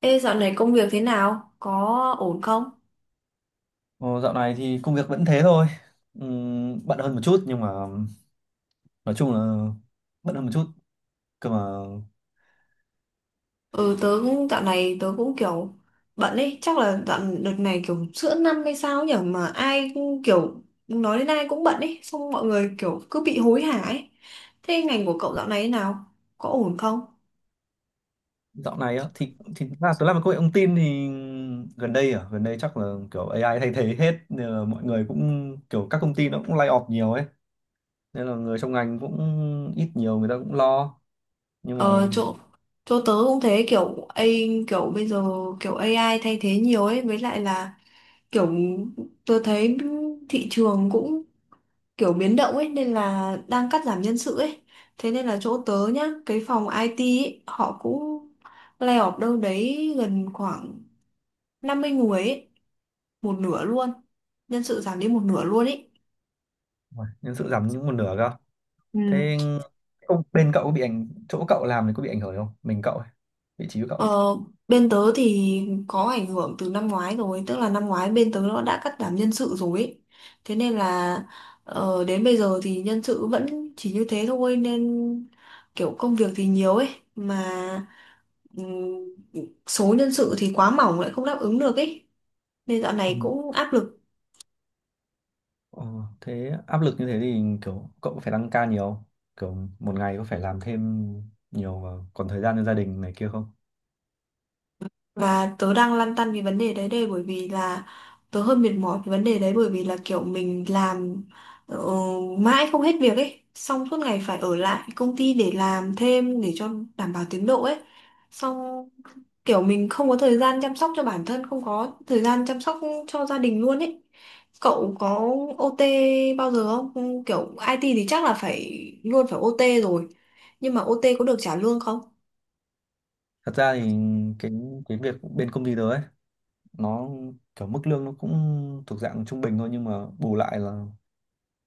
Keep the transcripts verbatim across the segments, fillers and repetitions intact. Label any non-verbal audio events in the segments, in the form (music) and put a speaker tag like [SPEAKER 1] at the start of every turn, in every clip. [SPEAKER 1] Ê, dạo này công việc thế nào? Có ổn không?
[SPEAKER 2] Ồ, dạo này thì công việc vẫn thế thôi. Ừm, bận hơn một chút nhưng mà nói chung là bận hơn một chút. Cơ mà
[SPEAKER 1] Ừ, tớ cũng dạo này tớ cũng kiểu bận ấy, chắc là dạo đợt này kiểu giữa năm hay sao nhỉ mà ai cũng kiểu nói đến ai cũng bận ấy, xong mọi người kiểu cứ bị hối hả ấy. Thế ngành của cậu dạo này thế nào? Có ổn không?
[SPEAKER 2] dạo này á thì thì là tôi làm công nghệ thông tin thì gần đây à, gần đây chắc là kiểu A I thay thế hết nên là mọi người cũng kiểu các công ty nó cũng lay off nhiều ấy. Nên là người trong ngành cũng ít nhiều người ta cũng lo nhưng
[SPEAKER 1] Ờ,
[SPEAKER 2] mà
[SPEAKER 1] chỗ chỗ tớ cũng thế kiểu A kiểu bây giờ kiểu a i thay thế nhiều ấy, với lại là kiểu tớ thấy thị trường cũng kiểu biến động ấy nên là đang cắt giảm nhân sự ấy, thế nên là chỗ tớ nhá cái phòng i ti ấy, họ cũng lay off đâu đấy gần khoảng năm mươi người ấy, một nửa luôn, nhân sự giảm đi một nửa luôn ấy.
[SPEAKER 2] uầy, nhân sự giảm những một nửa cơ.
[SPEAKER 1] Ừ.
[SPEAKER 2] Thế không bên cậu có bị ảnh chỗ cậu làm thì có bị ảnh hưởng không? Mình cậu ấy, vị trí của cậu
[SPEAKER 1] Ờ, bên tớ thì có ảnh hưởng từ năm ngoái rồi, tức là năm ngoái bên tớ nó đã cắt giảm nhân sự rồi ấy. Thế nên là ờ, đến bây giờ thì nhân sự vẫn chỉ như thế thôi nên kiểu công việc thì nhiều ấy mà ừm, số nhân sự thì quá mỏng lại không đáp ứng được ấy. Nên dạo này
[SPEAKER 2] ấy.
[SPEAKER 1] cũng áp lực.
[SPEAKER 2] Ờ, Thế áp lực như thế thì kiểu cậu có phải tăng ca nhiều không? Kiểu một ngày có phải làm thêm nhiều và còn thời gian cho gia đình này kia không?
[SPEAKER 1] Và tớ đang lăn tăn vì vấn đề đấy đây bởi vì là tớ hơi mệt mỏi vì vấn đề đấy bởi vì là kiểu mình làm ờ, mãi không hết việc ấy, xong suốt ngày phải ở lại công ty để làm thêm để cho đảm bảo tiến độ ấy. Xong kiểu mình không có thời gian chăm sóc cho bản thân, không có thời gian chăm sóc cho gia đình luôn ấy. Cậu có o ti bao giờ không? Ừ, kiểu i ti thì chắc là phải luôn phải âu ti rồi. Nhưng mà o ti có được trả lương không?
[SPEAKER 2] Thật ra thì cái cái việc bên công ty tớ ấy nó kiểu mức lương nó cũng thuộc dạng trung bình thôi nhưng mà bù lại là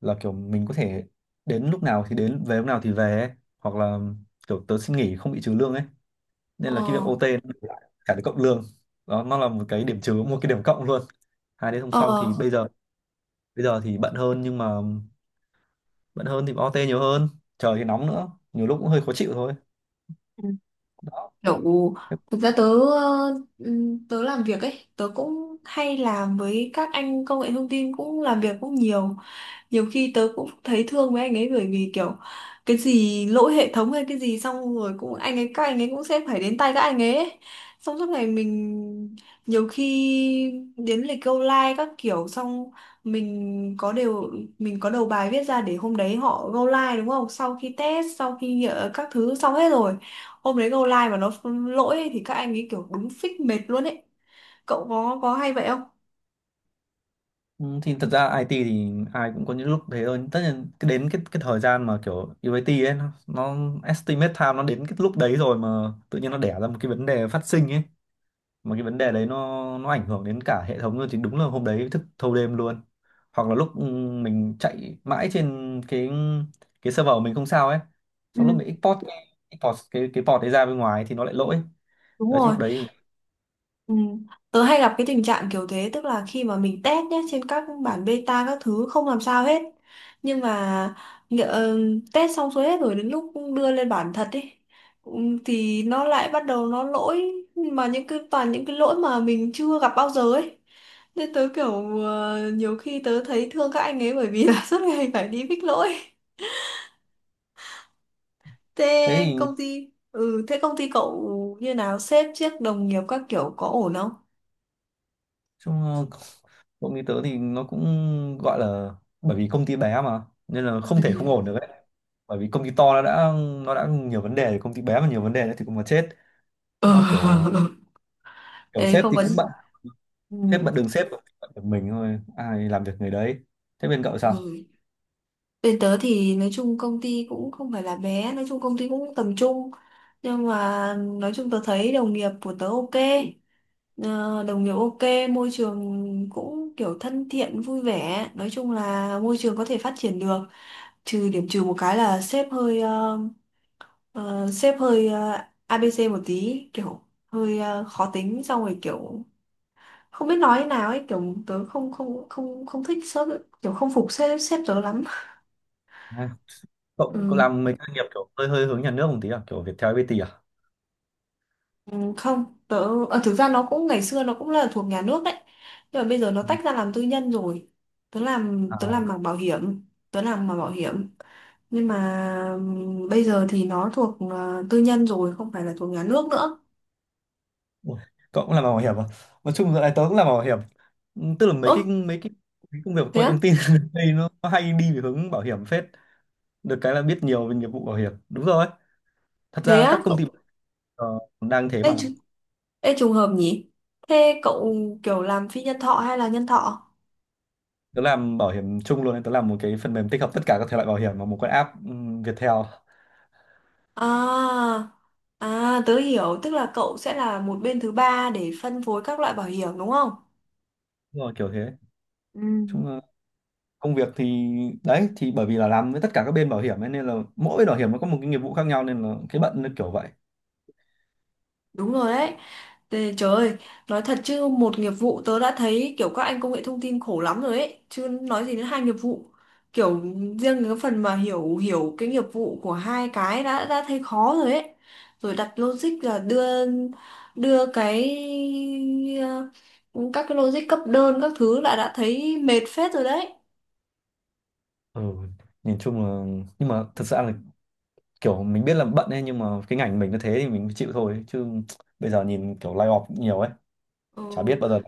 [SPEAKER 2] là kiểu mình có thể đến lúc nào thì đến về lúc nào thì về ấy. Hoặc là kiểu tớ xin nghỉ không bị trừ lương ấy
[SPEAKER 1] Ờ,
[SPEAKER 2] nên là cái việc ô tê nó bù lại cả cái cộng lương đó, nó là một cái điểm trừ một cái điểm cộng luôn. Hai đứa không xong thì bây giờ bây giờ thì bận hơn nhưng mà bận hơn thì âu ti nhiều hơn, trời thì nóng nữa, nhiều lúc cũng hơi khó chịu thôi.
[SPEAKER 1] ờ.
[SPEAKER 2] Đó.
[SPEAKER 1] Kiểu
[SPEAKER 2] Thế-
[SPEAKER 1] thực ra tớ ờ, ừm, tớ làm việc ấy, tớ cũng hay làm với các anh công nghệ thông tin cũng làm việc cũng nhiều, nhiều khi tớ cũng thấy thương với anh ấy bởi vì kiểu cái gì lỗi hệ thống hay cái gì xong rồi cũng anh ấy các anh ấy cũng sẽ phải đến tay các anh ấy ấy. Xong suốt ngày mình nhiều khi đến lịch câu like các kiểu, xong mình có đều mình có đầu bài viết ra để hôm đấy họ go live đúng không, sau khi test sau khi nhỡ các thứ xong hết rồi hôm đấy go live mà nó lỗi ấy thì các anh ấy kiểu đúng phích mệt luôn ấy. Cậu có có hay vậy không?
[SPEAKER 2] ừ, thì thật ra i tê thì ai cũng có những lúc thế thôi, tất nhiên cái đến cái cái thời gian mà kiểu diu ây ti ấy nó, nó estimate time nó đến cái lúc đấy rồi mà tự nhiên nó đẻ ra một cái vấn đề phát sinh ấy, mà cái vấn đề đấy nó nó ảnh hưởng đến cả hệ thống luôn thì đúng là hôm đấy thức thâu đêm luôn. Hoặc là lúc ừ, mình chạy mãi trên cái cái server của mình không sao ấy,
[SPEAKER 1] Ừ.
[SPEAKER 2] xong lúc mình export cái, export cái cái port đấy ra bên ngoài thì nó lại lỗi.
[SPEAKER 1] Đúng
[SPEAKER 2] Đấy,
[SPEAKER 1] rồi.
[SPEAKER 2] lúc đấy.
[SPEAKER 1] Ừ. Tớ hay gặp cái tình trạng kiểu thế, tức là khi mà mình test nhé trên các bản beta các thứ không làm sao hết nhưng mà nhỡ- ờ, test xong xuôi hết rồi đến lúc đưa lên bản thật đi thì nó lại bắt đầu nó lỗi, mà những cái toàn những cái lỗi mà mình chưa gặp bao giờ ấy, nên tớ kiểu ờ, nhiều khi tớ thấy thương các anh ấy bởi vì là (laughs) suốt ngày phải đi fix lỗi.
[SPEAKER 2] Thế
[SPEAKER 1] thế
[SPEAKER 2] thì
[SPEAKER 1] công ty ừ thế công ty cậu như nào, sếp trước đồng nghiệp các kiểu có ổn không?
[SPEAKER 2] chung, ờ, (laughs) công ty tớ thì nó cũng gọi là, bởi vì công ty bé mà nên là
[SPEAKER 1] Ừ.
[SPEAKER 2] không thể không ổn được ấy. Bởi vì công ty to nó đã nó đã nhiều vấn đề, công ty bé mà nhiều vấn đề nữa thì cũng mà chết.
[SPEAKER 1] Ờ,
[SPEAKER 2] Nó kiểu
[SPEAKER 1] (laughs)
[SPEAKER 2] kiểu
[SPEAKER 1] đấy
[SPEAKER 2] sếp
[SPEAKER 1] không
[SPEAKER 2] thì
[SPEAKER 1] có
[SPEAKER 2] cũng bận.
[SPEAKER 1] ừ.
[SPEAKER 2] Sếp bận đường sếp, bận được mình thôi, ai làm việc người đấy. Thế bên cậu sao?
[SPEAKER 1] Ừ. Bên tớ thì nói chung công ty cũng không phải là bé, nói chung công ty cũng tầm trung, nhưng mà nói chung tớ thấy đồng nghiệp của tớ ok. Ờ, đồng nghiệp ok, môi trường cũng kiểu thân thiện vui vẻ, nói chung là môi trường có thể phát triển được, trừ điểm trừ một cái là sếp hơi ờ, ờ, sếp hơi ờ, a bê xê một tí, kiểu hơi ờ, khó tính, xong rồi kiểu không biết nói thế nào ấy, kiểu tớ không không không không thích sếp, kiểu không phục sếp sếp tớ lắm.
[SPEAKER 2] À, cậu cậu
[SPEAKER 1] Ừ,
[SPEAKER 2] làm mấy cái doanh nghiệp kiểu hơi hơi hướng nhà nước một tí à, kiểu Viettel, ép pê tê à?
[SPEAKER 1] ừ, không, tớ ờ, thực ra nó cũng ngày xưa nó cũng là thuộc nhà nước đấy, nhưng mà bây giờ nó
[SPEAKER 2] Ừ.
[SPEAKER 1] tách ra làm tư nhân rồi. tớ làm tớ
[SPEAKER 2] À,
[SPEAKER 1] làm mảng bảo hiểm, tớ làm mảng bảo hiểm nhưng mà ừm, bây giờ thì nó thuộc ờ, tư nhân rồi, không phải là thuộc nhà nước nữa.
[SPEAKER 2] ui, cậu cũng làm bảo hiểm à? Nói chung giờ này tớ cũng làm bảo hiểm. Ừ, tức là mấy
[SPEAKER 1] Ơ,
[SPEAKER 2] cái mấy cái cái công việc của
[SPEAKER 1] thế
[SPEAKER 2] công nghệ
[SPEAKER 1] á,
[SPEAKER 2] thông tin (laughs) đây nó, nó hay đi về hướng bảo hiểm phết. Được cái là biết nhiều về nghiệp vụ bảo hiểm, đúng rồi. Thật
[SPEAKER 1] thế
[SPEAKER 2] ra các
[SPEAKER 1] á
[SPEAKER 2] công
[SPEAKER 1] cậu?
[SPEAKER 2] ty ờ, đang thế
[SPEAKER 1] ê,
[SPEAKER 2] mà.
[SPEAKER 1] tr- Ê, trùng hợp nhỉ. Thế cậu kiểu làm phi nhân thọ hay là nhân thọ?
[SPEAKER 2] Tớ làm bảo hiểm chung luôn nên tớ làm một cái phần mềm tích hợp tất cả các thể loại bảo hiểm vào một cái app, ừm, Viettel.
[SPEAKER 1] À, à tớ hiểu, tức là cậu sẽ là một bên thứ ba để phân phối các loại bảo hiểm đúng không?
[SPEAKER 2] Đúng rồi, kiểu thế.
[SPEAKER 1] Ừ.
[SPEAKER 2] Chung là công việc thì, đấy thì bởi vì là làm với tất cả các bên bảo hiểm ấy, nên là mỗi bên bảo hiểm nó có một cái nghiệp vụ khác nhau nên là cái bận nó kiểu vậy.
[SPEAKER 1] Đúng rồi đấy. Tê, trời ơi, nói thật chứ một nghiệp vụ tớ đã thấy kiểu các anh công nghệ thông tin khổ lắm rồi ấy, chứ nói gì đến hai nghiệp vụ. Kiểu riêng cái phần mà hiểu hiểu cái nghiệp vụ của hai cái đã đã thấy khó rồi ấy. Rồi đặt logic là đưa đưa cái ờ, các cái logic cấp đơn các thứ là đã thấy mệt phết rồi đấy.
[SPEAKER 2] Ừ, nhìn chung là, nhưng mà thật ra là kiểu mình biết là bận ấy, nhưng mà cái ngành mình nó thế thì mình chịu thôi chứ. Bây giờ nhìn kiểu lay off nhiều ấy,
[SPEAKER 1] Ừ.
[SPEAKER 2] chả biết bao giờ.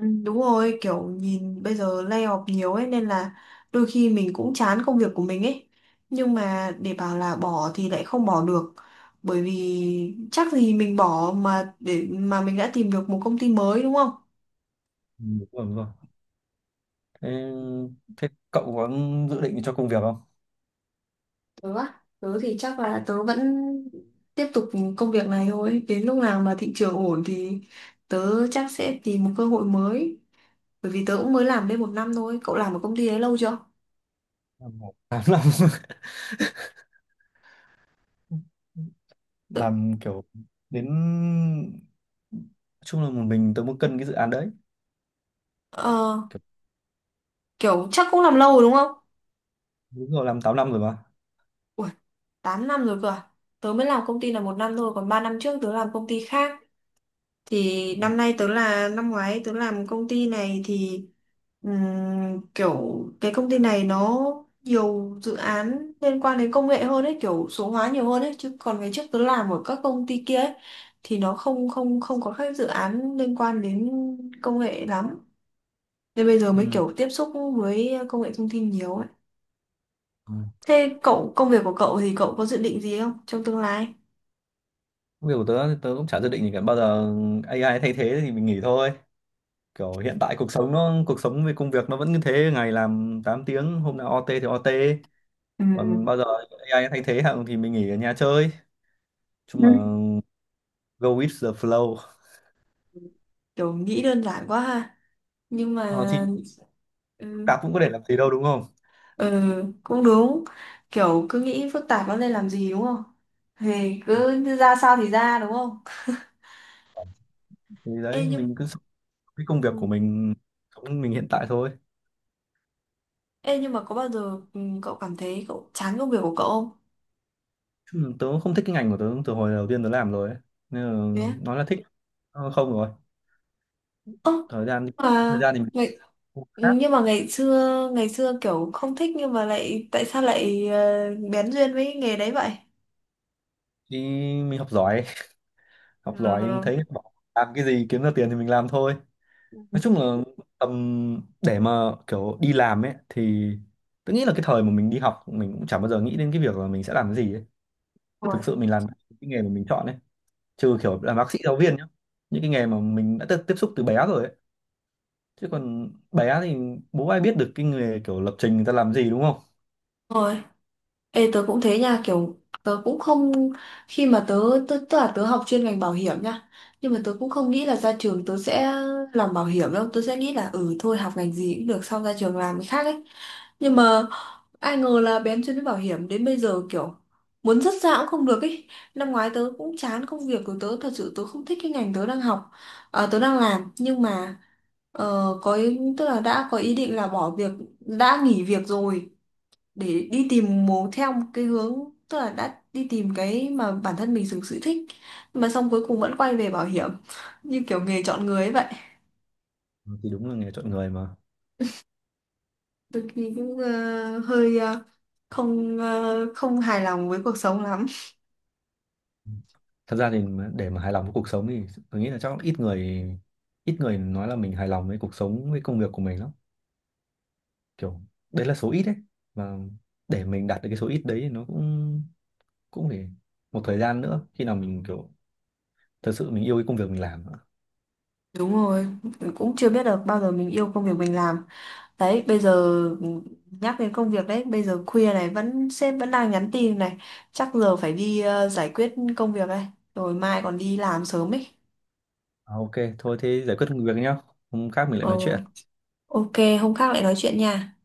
[SPEAKER 1] Ừ, đúng rồi, kiểu nhìn bây giờ layoff nhiều ấy nên là đôi khi mình cũng chán công việc của mình ấy. Nhưng mà để bảo là bỏ thì lại không bỏ được. Bởi vì chắc gì mình bỏ mà để mà mình đã tìm được một công ty mới đúng không?
[SPEAKER 2] Ừ, đúng rồi, đúng rồi. Thế, thế cậu có dự định cho công việc không?
[SPEAKER 1] Tớ á, tớ thì chắc là tớ vẫn tiếp tục công việc này thôi. Đến lúc nào mà thị trường ổn thì tớ chắc sẽ tìm một cơ hội mới. Bởi vì tớ cũng mới làm đây một năm thôi. Cậu làm ở công ty đấy lâu chưa?
[SPEAKER 2] Làm một tám năm. (laughs) Làm kiểu đến, nói chung là một mình tớ muốn cân cái dự án đấy.
[SPEAKER 1] Ờ,
[SPEAKER 2] Kiểu,
[SPEAKER 1] kiểu chắc cũng làm lâu rồi đúng không?
[SPEAKER 2] đúng rồi, làm tám năm rồi mà.
[SPEAKER 1] Ủa, tám năm rồi cơ à? Tớ mới làm công ty là một năm thôi, còn ba năm trước tớ làm công ty khác. Thì năm nay tớ là năm ngoái tớ làm công ty này thì ừm, kiểu cái công ty này nó nhiều dự án liên quan đến công nghệ hơn ấy, kiểu số hóa nhiều hơn ấy, chứ còn ngày trước tớ làm ở các công ty kia ấy thì nó không không không có các dự án liên quan đến công nghệ lắm. Nên bây giờ mới
[SPEAKER 2] Ừ.
[SPEAKER 1] kiểu tiếp xúc với công nghệ thông tin nhiều ấy.
[SPEAKER 2] Ừ.
[SPEAKER 1] Thế cậu công việc của cậu thì cậu có dự định gì không trong tương lai?
[SPEAKER 2] Công việc của tớ thì tớ cũng chả dự định gì cả, bao giờ A I thay thế thì mình nghỉ thôi. Kiểu hiện tại cuộc sống nó, cuộc sống về công việc nó vẫn như thế, ngày làm tám tiếng, hôm nào ô tê thì ô tê.
[SPEAKER 1] Ừ.
[SPEAKER 2] Còn bao giờ A I thay thế hạng thì mình nghỉ ở nhà chơi. Nói chung là
[SPEAKER 1] Ừ.
[SPEAKER 2] go with the flow.
[SPEAKER 1] Kiểu nghĩ đơn giản quá ha. Nhưng mà
[SPEAKER 2] Ờ, thì cả
[SPEAKER 1] ừ,
[SPEAKER 2] cũng có thể làm gì đâu đúng không,
[SPEAKER 1] ừ, cũng đúng. Kiểu cứ nghĩ phức tạp nó lên làm gì đúng không? Thì cứ ra sao thì ra đúng không?
[SPEAKER 2] thì
[SPEAKER 1] Ê
[SPEAKER 2] đấy
[SPEAKER 1] nhưng
[SPEAKER 2] mình cứ sống cái công việc của
[SPEAKER 1] ừ.
[SPEAKER 2] mình, sống mình hiện tại thôi.
[SPEAKER 1] Ê nhưng mà có bao giờ ừ, cậu cảm thấy cậu chán công việc của cậu không?
[SPEAKER 2] Ừ, tớ không thích cái ngành của tớ từ hồi đầu tiên tớ làm rồi ấy. Nên là
[SPEAKER 1] Thế á?
[SPEAKER 2] nói là thích, ờ, không rồi,
[SPEAKER 1] Ơ
[SPEAKER 2] thời gian, thời
[SPEAKER 1] mà
[SPEAKER 2] gian thì mình
[SPEAKER 1] ngày
[SPEAKER 2] không khác.
[SPEAKER 1] ừ, nhưng mà ngày xưa ngày xưa kiểu không thích, nhưng mà lại tại sao lại ờ, bén duyên với nghề đấy vậy?
[SPEAKER 2] Thì mình học giỏi, (laughs) học giỏi
[SPEAKER 1] Ừ.
[SPEAKER 2] thấy bỏ, làm cái gì kiếm ra tiền thì mình làm thôi. Nói chung là tầm để mà kiểu đi làm ấy, thì tớ nghĩ là cái thời mà mình đi học mình cũng chẳng bao giờ nghĩ đến cái việc là mình sẽ làm cái gì ấy. Thực sự mình làm cái nghề mà mình chọn ấy, trừ kiểu làm bác sĩ, giáo viên nhá, những cái nghề mà mình đã tiếp tiếp xúc từ bé rồi ấy. Chứ còn bé thì bố ai biết được cái nghề kiểu lập trình người ta làm gì đúng không.
[SPEAKER 1] Rồi. Ê tớ cũng thế nha, kiểu tớ cũng không khi mà tớ tớ tức là tớ học chuyên ngành bảo hiểm nha, nhưng mà tớ cũng không nghĩ là ra trường tớ sẽ làm bảo hiểm đâu, tớ sẽ nghĩ là ừ thôi học ngành gì cũng được xong ra trường làm cái khác ấy, nhưng mà ai ngờ là bén chuyên đến bảo hiểm đến bây giờ kiểu muốn dứt ra cũng không được ấy. Năm ngoái tớ cũng chán công việc của tớ, thật sự tớ không thích cái ngành tớ đang học, à, tớ đang làm, nhưng mà ờ, có ý, tức là đã có ý định là bỏ việc, đã nghỉ việc rồi để đi tìm một theo một cái hướng, tức là đã đi tìm cái mà bản thân mình thực sự thích, mà xong cuối cùng vẫn quay về bảo hiểm (laughs) như kiểu nghề chọn người ấy vậy.
[SPEAKER 2] Ừ, thì đúng là nghề chọn người mà.
[SPEAKER 1] Tôi thì cũng ờ, hơi ờ, không ờ, không hài lòng với cuộc sống lắm.
[SPEAKER 2] Thật ra thì mà- để mà hài lòng với cuộc sống thì tôi nghĩ là chắc ít người, ít người nói là mình hài lòng với cuộc sống với công việc của mình lắm. Kiểu đấy là số ít đấy, và để mình đạt được cái số ít đấy thì nó cũng cũng phải một thời gian nữa, khi nào mình kiểu thật sự mình yêu cái công việc mình làm nữa.
[SPEAKER 1] Đúng rồi, cũng chưa biết được bao giờ mình yêu công việc mình làm đấy. Bây giờ nhắc đến công việc đấy, bây giờ khuya này vẫn sếp vẫn đang nhắn tin này, chắc giờ phải đi ờ, giải quyết công việc đây, rồi mai còn đi làm sớm ấy.
[SPEAKER 2] À, ok, thôi thế giải quyết công việc nhá, hôm khác mình lại
[SPEAKER 1] Ờ,
[SPEAKER 2] nói chuyện.
[SPEAKER 1] ok, hôm khác lại nói chuyện nha.